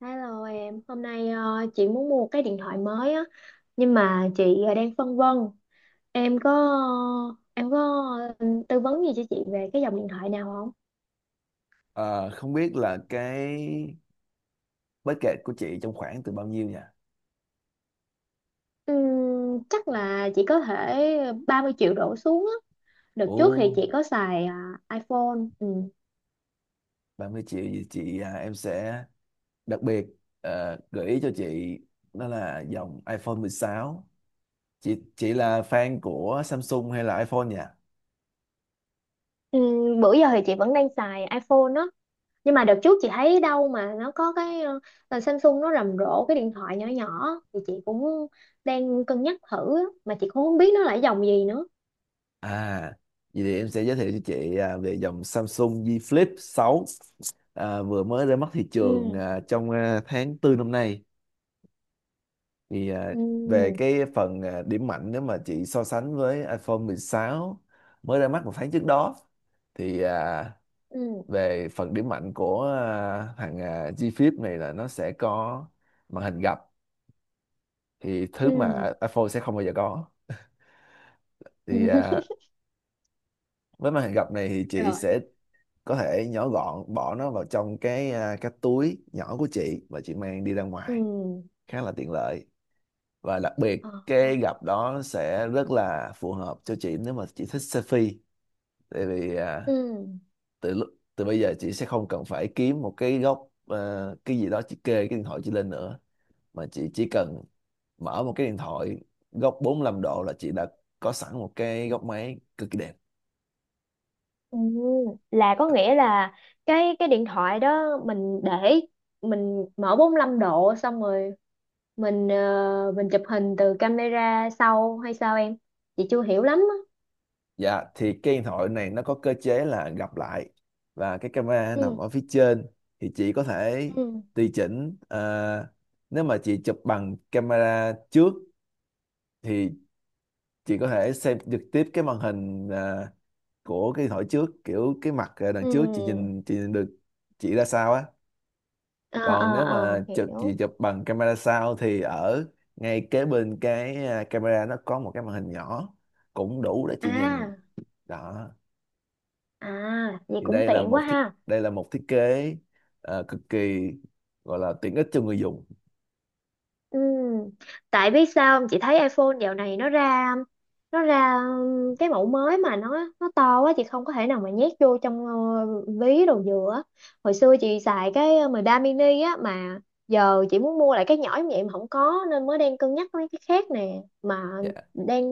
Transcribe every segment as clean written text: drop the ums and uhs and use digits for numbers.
Hello em, hôm nay chị muốn mua cái điện thoại mới á, nhưng mà chị đang phân vân. Em có em có tư vấn gì cho chị về cái dòng điện thoại nào không? Ờ, không biết là cái budget của chị trong khoảng từ bao nhiêu nhỉ? Chắc là chị có thể 30 triệu đổ xuống á. Đợt Ồ, trước thì chị có xài iPhone. Ừm. 30 triệu thì em sẽ đặc biệt gợi ý cho chị đó là dòng iPhone 16. Chị là fan của Samsung hay là iPhone nhỉ? Bữa giờ thì chị vẫn đang xài iPhone á, nhưng mà đợt trước chị thấy đâu mà nó có cái là Samsung nó rầm rộ cái điện thoại nhỏ nhỏ thì chị cũng đang cân nhắc thử á, mà chị cũng không biết nó là cái dòng gì nữa. À, Vậy thì em sẽ giới thiệu cho chị về dòng Samsung Z Flip 6, vừa mới ra mắt thị Ừ. trường trong tháng tư năm nay. Thì về Ừ. cái phần, điểm mạnh nếu mà chị so sánh với iPhone 16 mới ra mắt một tháng trước đó, thì Ừ. về phần điểm mạnh của thằng G Flip này là nó sẽ có màn hình gập, thì thứ Ừ. mà iPhone sẽ không bao giờ có. Thì với màn hình gập này thì chị Rồi. sẽ có thể nhỏ gọn bỏ nó vào trong cái, cái túi nhỏ của chị và chị mang đi ra Ừ. ngoài khá là tiện lợi. Và đặc biệt Ờ. cái gặp đó sẽ rất là phù hợp cho chị nếu mà chị thích selfie, tại vì Ừ. Từ lúc từ bây giờ chị sẽ không cần phải kiếm một cái góc, cái gì đó chị kê cái điện thoại chị lên nữa, mà chị chỉ cần mở một cái điện thoại góc 45 độ là chị đã có sẵn một cái góc máy cực kỳ đẹp. Ừ. Là có nghĩa là cái điện thoại đó mình để mình mở 45 độ xong rồi mình chụp hình từ camera sau hay sao em, chị chưa hiểu lắm á. Dạ, thì cái điện thoại này nó có cơ chế là gặp lại và cái camera nằm Ừ. ở phía trên. Thì chị có thể Ừ. tùy chỉnh, nếu mà chị chụp bằng camera trước thì chị có thể xem trực tiếp cái màn hình của cái điện thoại trước, kiểu cái mặt Ừ. đằng trước chị nhìn được chị ra sao á. Ờ, Còn ờ, nếu ờ, mà hiểu. chị chụp bằng camera sau thì ở ngay kế bên cái, camera nó có một cái màn hình nhỏ cũng đủ để chị nhìn À, đó. à, vậy Thì cũng tiện quá ha. đây là một thiết kế cực kỳ, gọi là tiện ích cho người dùng. Ừ. Tại biết sao không? Chị thấy iPhone dạo này nó ra cái mẫu mới mà nó to quá chị không có thể nào mà nhét vô trong ví đồ dừa á. Hồi xưa chị xài cái 13 mini á, mà giờ chị muốn mua lại cái nhỏ như vậy mà không có, nên mới đang cân nhắc mấy cái khác nè, mà Dạ. đang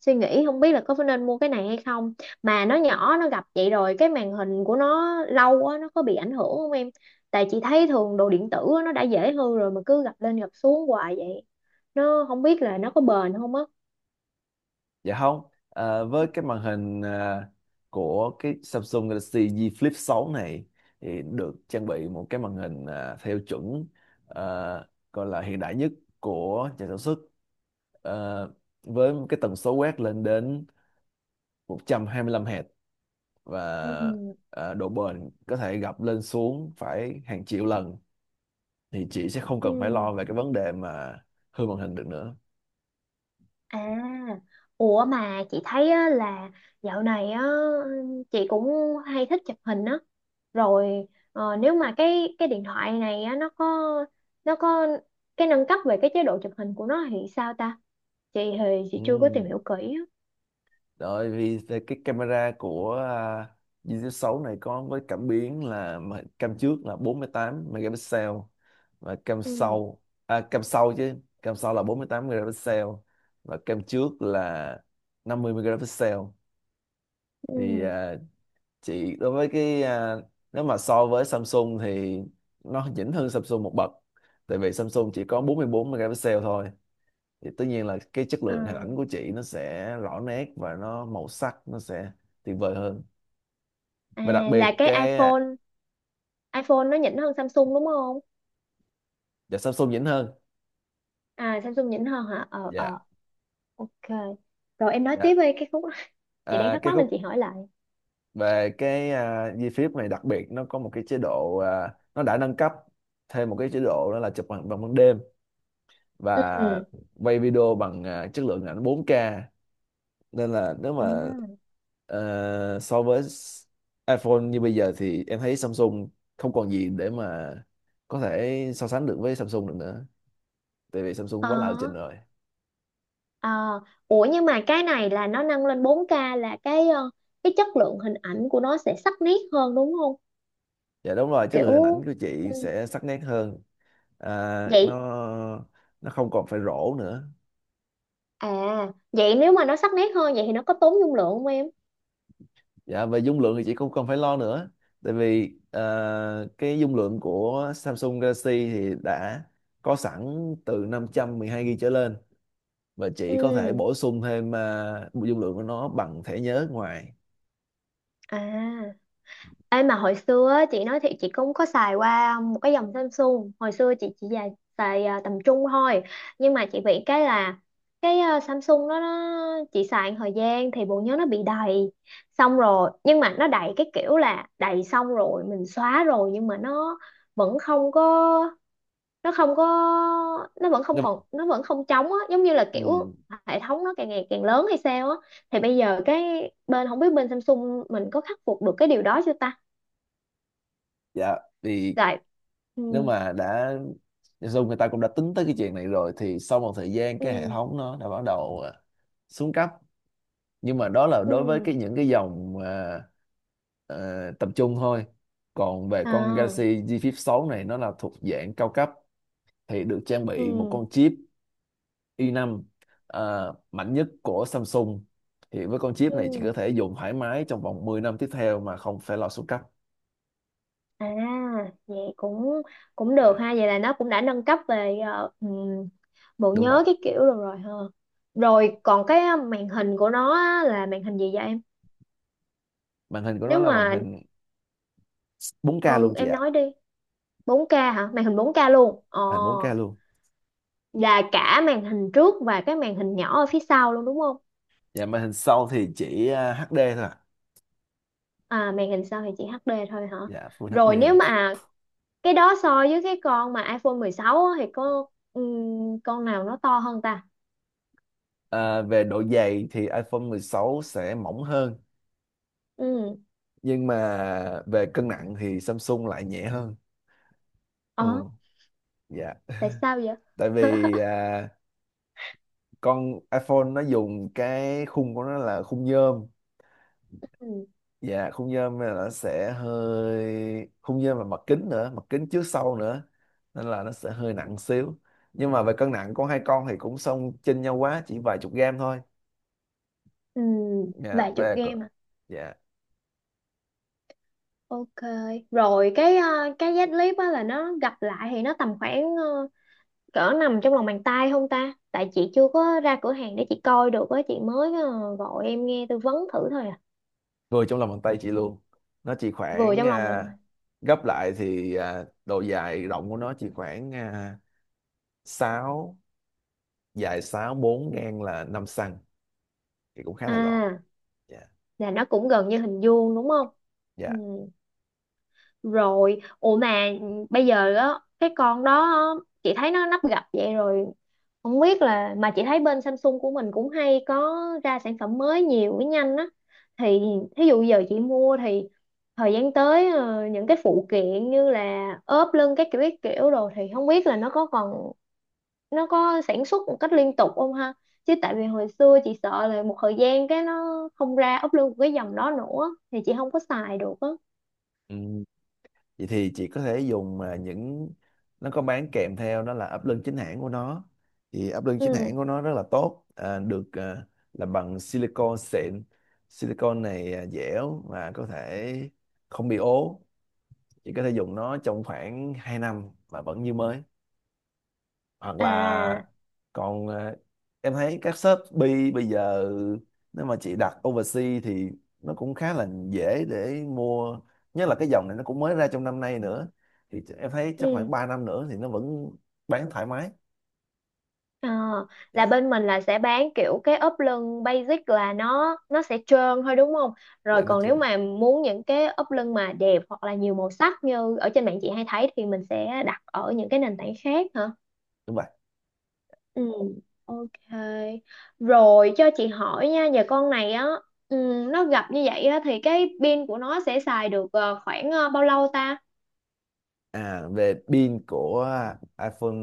suy nghĩ không biết là có nên mua cái này hay không, mà nó nhỏ nó gặp vậy rồi cái màn hình của nó lâu quá nó có bị ảnh hưởng không em, tại chị thấy thường đồ điện tử á, nó đã dễ hư rồi mà cứ gập lên gập xuống hoài vậy nó không biết là nó có bền không á. Dạ không. Với cái màn hình, của cái Samsung Galaxy Z Flip 6 này thì được trang bị một cái màn hình, theo chuẩn, ờ, gọi là hiện đại nhất của nhà sản xuất. Ờ, với cái tần số quét lên đến 125 Hz và Ừ. Độ bền có thể gập lên xuống phải hàng triệu lần, thì chị sẽ không cần phải Ừ. lo về cái vấn đề mà hư màn hình được nữa. À, ủa mà chị thấy á, là dạo này á chị cũng hay thích chụp hình á rồi. Nếu mà cái điện thoại này á nó có cái nâng cấp về cái chế độ chụp hình của nó thì sao ta, chị thì chị chưa có tìm Ừ. hiểu kỹ á. Rồi, vì cái camera của Galaxy S6 này có với cảm biến cam trước là 48 megapixel và cam Ừ. sau, cam sau chứ, cam sau là 48 megapixel và cam trước là 50 megapixel. Thì Ừ. Chị, đối với cái, nếu mà so với Samsung thì nó nhỉnh hơn Samsung một bậc, tại vì Samsung chỉ có 44 megapixel thôi. Thì tất nhiên là cái chất lượng hình à, ảnh của chị nó sẽ rõ nét và nó màu sắc nó sẽ tuyệt vời hơn. Và đặc À, biệt là cái cái iPhone iPhone nó nhỉnh hơn Samsung đúng không? Dạ, Samsung nhỉnh hơn. À, Samsung nhỉnh hơn hả? Ờ, Dạ. ờ, ok. Rồi em nói Dạ, tiếp đi cái khúc đó, chị đang thắc cái mắc nên chị khúc hỏi lại. về cái, di phím này đặc biệt nó có một cái chế độ, nó đã nâng cấp thêm một cái chế độ đó là chụp bằng bằng ban đêm, Ừ. và quay video bằng chất lượng ảnh 4K. Nên là nếu à, mà so với iPhone như bây giờ thì em thấy Samsung không còn gì để mà có thể so sánh được với Samsung được nữa, tại vì Samsung ờ, quá là lập trình rồi. ờ. Ủa nhưng mà cái này là nó nâng lên 4K, là cái chất lượng hình ảnh của nó sẽ sắc nét hơn đúng không, Dạ đúng rồi, chất lượng hình ảnh kiểu. của chị Ừ. sẽ sắc nét hơn. à, Vậy. nó nó không còn phải rổ nữa. À, vậy nếu mà nó sắc nét hơn vậy thì nó có tốn dung lượng không em? Dạ, về dung lượng thì chị cũng không phải lo nữa, tại vì cái dung lượng của Samsung Galaxy thì đã có sẵn từ 512 GB trở lên, và chỉ có thể Ừ. bổ sung thêm dung lượng của nó bằng thẻ nhớ ngoài. À. Ê mà hồi xưa á, chị nói thiệt chị cũng có xài qua một cái dòng Samsung. Hồi xưa chị chỉ xài, tầm trung thôi. Nhưng mà chị bị cái là Samsung đó nó chị xài một thời gian thì bộ nhớ nó bị đầy. Xong rồi nhưng mà nó đầy cái kiểu là đầy xong rồi mình xóa rồi nhưng mà nó vẫn không có, nó không có, nó vẫn không Nếu- còn, nó vẫn không trống á, giống như là ừm, kiểu hệ thống nó càng ngày càng lớn hay sao á. Thì bây giờ cái bên, không biết bên Samsung mình có khắc phục được cái điều đó chưa ta? dạ, vì Dạ. Ừ. nếu mà đã dùng, người ta cũng đã tính tới cái chuyện này rồi, thì sau một thời gian cái hệ Ừ. thống nó đã bắt đầu xuống cấp, nhưng mà đó là đối với Ừ. cái những cái dòng, ờ, tập trung thôi. Còn về con À. Galaxy G Flip 6 này nó là thuộc dạng cao cấp, thì được trang bị một Ừ. con chip i5, mạnh nhất của Samsung. Thì với con chip này chị Ừ. có thể dùng thoải mái trong vòng 10 năm tiếp theo mà không phải lo xuống cấp. À, vậy cũng cũng được Dạ ha, vậy là nó cũng đã nâng cấp về bộ đúng nhớ vậy. cái kiểu rồi rồi ha. Dạ, Rồi còn cái màn hình của nó á, là màn hình gì vậy em? màn hình của nó Nếu là màn mà hình 4K Ừ, luôn, chị em ạ. nói đi, 4K hả? Màn hình 4K luôn. Ồ, Màn hình 4K luôn. là cả màn hình trước và cái màn hình nhỏ ở phía sau luôn đúng không? Dạ, màn hình sau thì chỉ HD thôi ạ. À, màn hình sau thì chỉ HD thôi hả? Dạ, Full Rồi nếu HD. mà cái đó so với cái con mà iPhone 16 á, thì có con nào nó to hơn ta? Về độ dày thì iPhone 16 sẽ mỏng hơn, Ừ. nhưng mà về cân nặng thì Samsung lại nhẹ hơn. Ờ, Ồ. Dạ. tại sao vậy? Tại vì con iPhone nó dùng cái khung của nó là khung nhôm. Ừ. Dạ, khung nhôm là nó sẽ hơi khung nhôm và mặt kính nữa, mặt kính trước sau nữa, nên là nó sẽ hơi nặng xíu. Nhưng mà về cân nặng con, hai con thì cũng không chênh nhau quá, chỉ vài chục gram thôi. Ừ. Dạ, Vài chục về game à? Dạ, Ok. Rồi cái dắt clip á là nó gặp lại thì nó tầm khoảng cỡ nằm trong lòng bàn tay không ta, tại chị chưa có ra cửa hàng để chị coi được á, chị mới gọi em nghe tư vấn thử thôi à. vừa trong lòng bàn tay chị luôn. Nó chỉ Vừa khoảng, trong lòng bàn tay. gấp lại thì độ dài rộng của nó chỉ khoảng 6, dài 6 bốn, ngang là 5 xăng, thì cũng khá là gọn. À, Dạ. là nó cũng gần như hình vuông đúng không? Dạ, Ừ. Rồi ủa mà bây giờ á, cái con đó á, chị thấy nó nắp gập vậy rồi, không biết là, mà chị thấy bên Samsung của mình cũng hay có ra sản phẩm mới nhiều với nhanh á, thì thí dụ giờ chị mua, thì thời gian tới những cái phụ kiện như là ốp lưng các kiểu đồ thì không biết là nó có sản xuất một cách liên tục không ha, chứ tại vì hồi xưa chị sợ là một thời gian cái nó không ra ốp lưng của cái dòng đó nữa thì chị không có xài được á. vậy thì chị có thể dùng, mà những nó có bán kèm theo đó là ấp lưng chính hãng của nó. Thì ấp lưng chính Ừ. hãng của nó rất là tốt, được làm bằng silicon xịn. Silicon này dẻo và có thể không bị ố. Chị có thể dùng nó trong khoảng 2 năm mà vẫn như mới. Hoặc là, À. còn em thấy các Shopee bây giờ, nếu mà chị đặt overseas thì nó cũng khá là dễ để mua, nhất là cái dòng này nó cũng mới ra trong năm nay nữa. Thì em thấy chắc khoảng Ừ. 3 năm nữa thì nó vẫn bán thoải mái. Ờ, là Dạ. bên mình là sẽ bán kiểu cái ốp lưng basic là nó sẽ trơn thôi đúng không? Rồi Dạ, nó còn chưa. nếu mà muốn những cái ốp lưng mà đẹp hoặc là nhiều màu sắc như ở trên mạng chị hay thấy thì mình sẽ đặt ở những cái nền tảng khác hả? Đúng vậy. Ừ, ok. Rồi cho chị hỏi nha, giờ con này á, ừ, nó gập như vậy á thì cái pin của nó sẽ xài được khoảng bao lâu ta? À, về pin của iPhone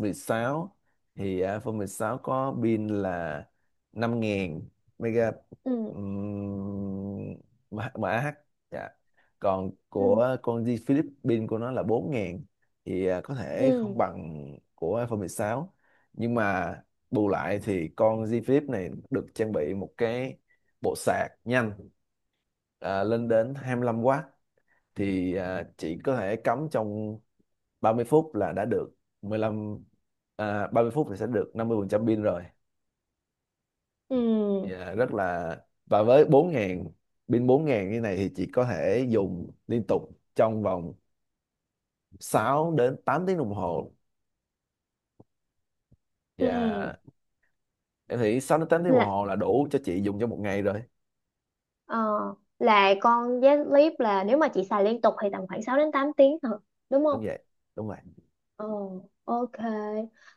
16, thì iPhone 16 có pin là 5000 mega, Ừ, um, mAh. Dạ. Còn ừ, của con G Flip, pin của nó là 4000, thì có thể ừ, không bằng của iPhone 16, nhưng mà bù lại thì con G Flip này được trang bị một cái bộ sạc nhanh, lên đến 25W. Thì chỉ có thể cắm trong 30 phút là đã được 15 30 phút thì sẽ được 50% pin rồi. ừ, Dạ, rất là và với 4000, pin 4000 như này thì chị có thể dùng liên tục trong vòng 6 đến 8 tiếng đồng hồ, và ừ. em nghĩ 6 đến 8 tiếng Ừ. đồng hồ là đủ cho chị dùng trong một ngày rồi. Ờ, là con giá clip là nếu mà chị xài liên tục thì tầm khoảng 6 đến 8 tiếng thôi, đúng không? Đúng vậy. Đúng rồi. Ờ, ok.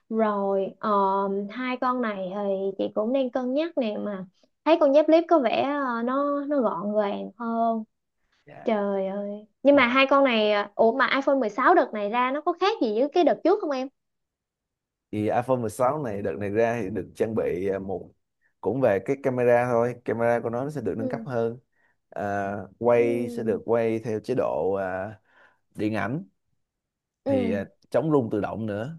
Rồi, hai con này thì chị cũng đang cân nhắc nè, mà thấy con dép clip có vẻ nó gọn gàng hơn. Dạ. Trời ơi. Nhưng Ừ. mà hai con này ủa mà iPhone 16 đợt này ra nó có khác gì với cái đợt trước không em? Thì iPhone 16 này đợt này ra thì được trang bị, à, một cũng về cái camera thôi, camera của nó sẽ được nâng cấp Ừ. hơn, à, quay sẽ được Ừ. quay theo chế độ, điện ảnh, thì Ừ. chống rung tự động nữa.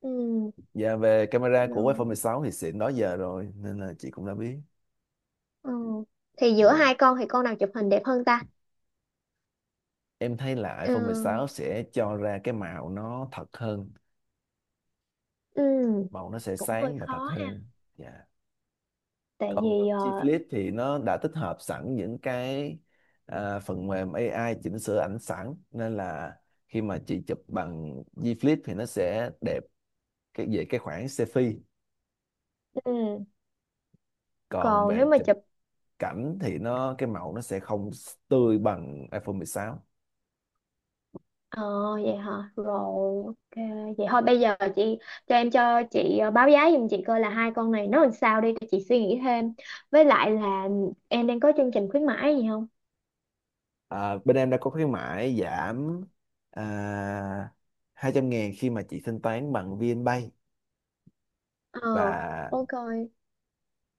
Ừ. Và về camera của iPhone Ừ. 16 thì xịn đó giờ rồi, nên là chị cũng đã biết. Ừ. Thì giữa Ừ. hai con thì con nào chụp hình đẹp hơn ta? Em thấy là iPhone Ừ. 16 sẽ cho ra cái màu nó thật hơn. Ừ. Màu nó sẽ Cũng hơi sáng và thật khó ha, hơn. Dạ. tại Còn vì G ờ, Flip thì nó đã tích hợp sẵn những cái, phần mềm AI chỉnh sửa ảnh sẵn, nên là khi mà chị chụp bằng G Flip thì nó sẽ đẹp cái về cái khoảng selfie. ừ, Còn còn về nếu mà chụp chụp. cảnh thì nó, cái màu nó sẽ không tươi bằng iPhone 16. ờ, Vậy hả, rồi ok. Vậy thôi bây giờ chị cho chị báo giá giùm chị coi là hai con này nó làm sao đi để chị suy nghĩ thêm, với lại là em đang có chương trình khuyến mãi gì không? Bên em đã có khuyến mãi giảm, à, 200.000 khi mà chị thanh toán bằng VNPay. Ờ, Và ok.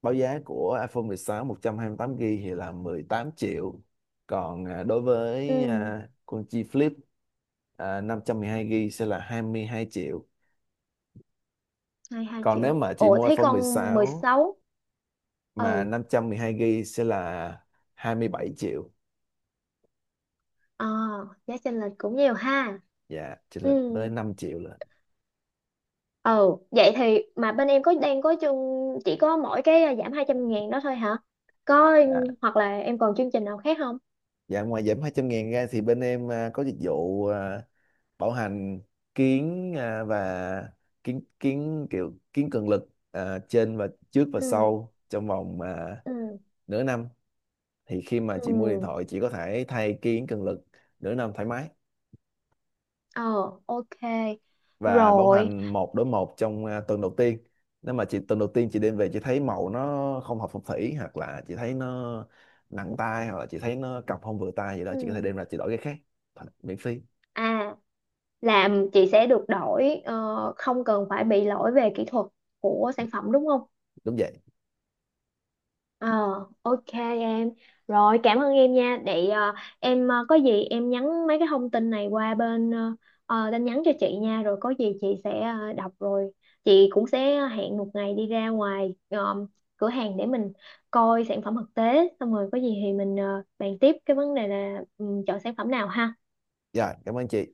báo giá của iPhone 16 128 GB thì là 18 triệu. Còn đối với Ừ, con chi Flip, 512 GB sẽ là 22 triệu. hai hai Còn nếu triệu mà chị ủa mua thấy iPhone con mười mười sáu sáu. mà Ừ. 512 GB sẽ là 27 triệu. Ờ, giá chênh lệch cũng nhiều ha. Dạ, chênh Ừ. lệch tới 5 triệu lận. Ừ. Vậy thì mà bên em đang có chương, chỉ có mỗi cái giảm 200.000 đó thôi hả? Có Dạ. hoặc là em còn chương trình nào khác không? Dạ, ngoài giảm 200.000 ra thì bên em có dịch vụ, bảo hành kiến à, và kiến cường lực trên và trước và Ừ. sau trong vòng Ừ. nửa năm. Thì khi mà chị mua điện Ừ. thoại chị có thể thay kiến cường lực nửa năm thoải mái. Ờ, ok. Và bảo Rồi. hành một đối một trong tuần đầu tiên. Nếu mà chị tuần đầu tiên chị đem về chị thấy màu nó không hợp phong thủy, hoặc là chị thấy nó nặng tay, hoặc là chị thấy nó cọc không vừa tay gì đó, chị có thể Ừ. đem ra chị đổi cái khác miễn phí. À, làm chị sẽ được đổi, không cần phải bị lỗi về kỹ thuật của sản phẩm đúng không? Đúng vậy. Ờ, ok em. Rồi, cảm ơn em nha. Để em có gì em nhắn mấy cái thông tin này qua bên tin nhắn cho chị nha. Rồi có gì chị sẽ đọc rồi. Chị cũng sẽ hẹn một ngày đi ra ngoài cửa hàng để mình coi sản phẩm thực tế. Xong rồi có gì thì mình bàn tiếp cái vấn đề là chọn sản phẩm nào ha. Dạ, cảm ơn chị.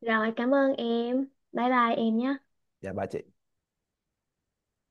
Rồi, cảm ơn em. Bye bye em nhé. Dạ, ba chị.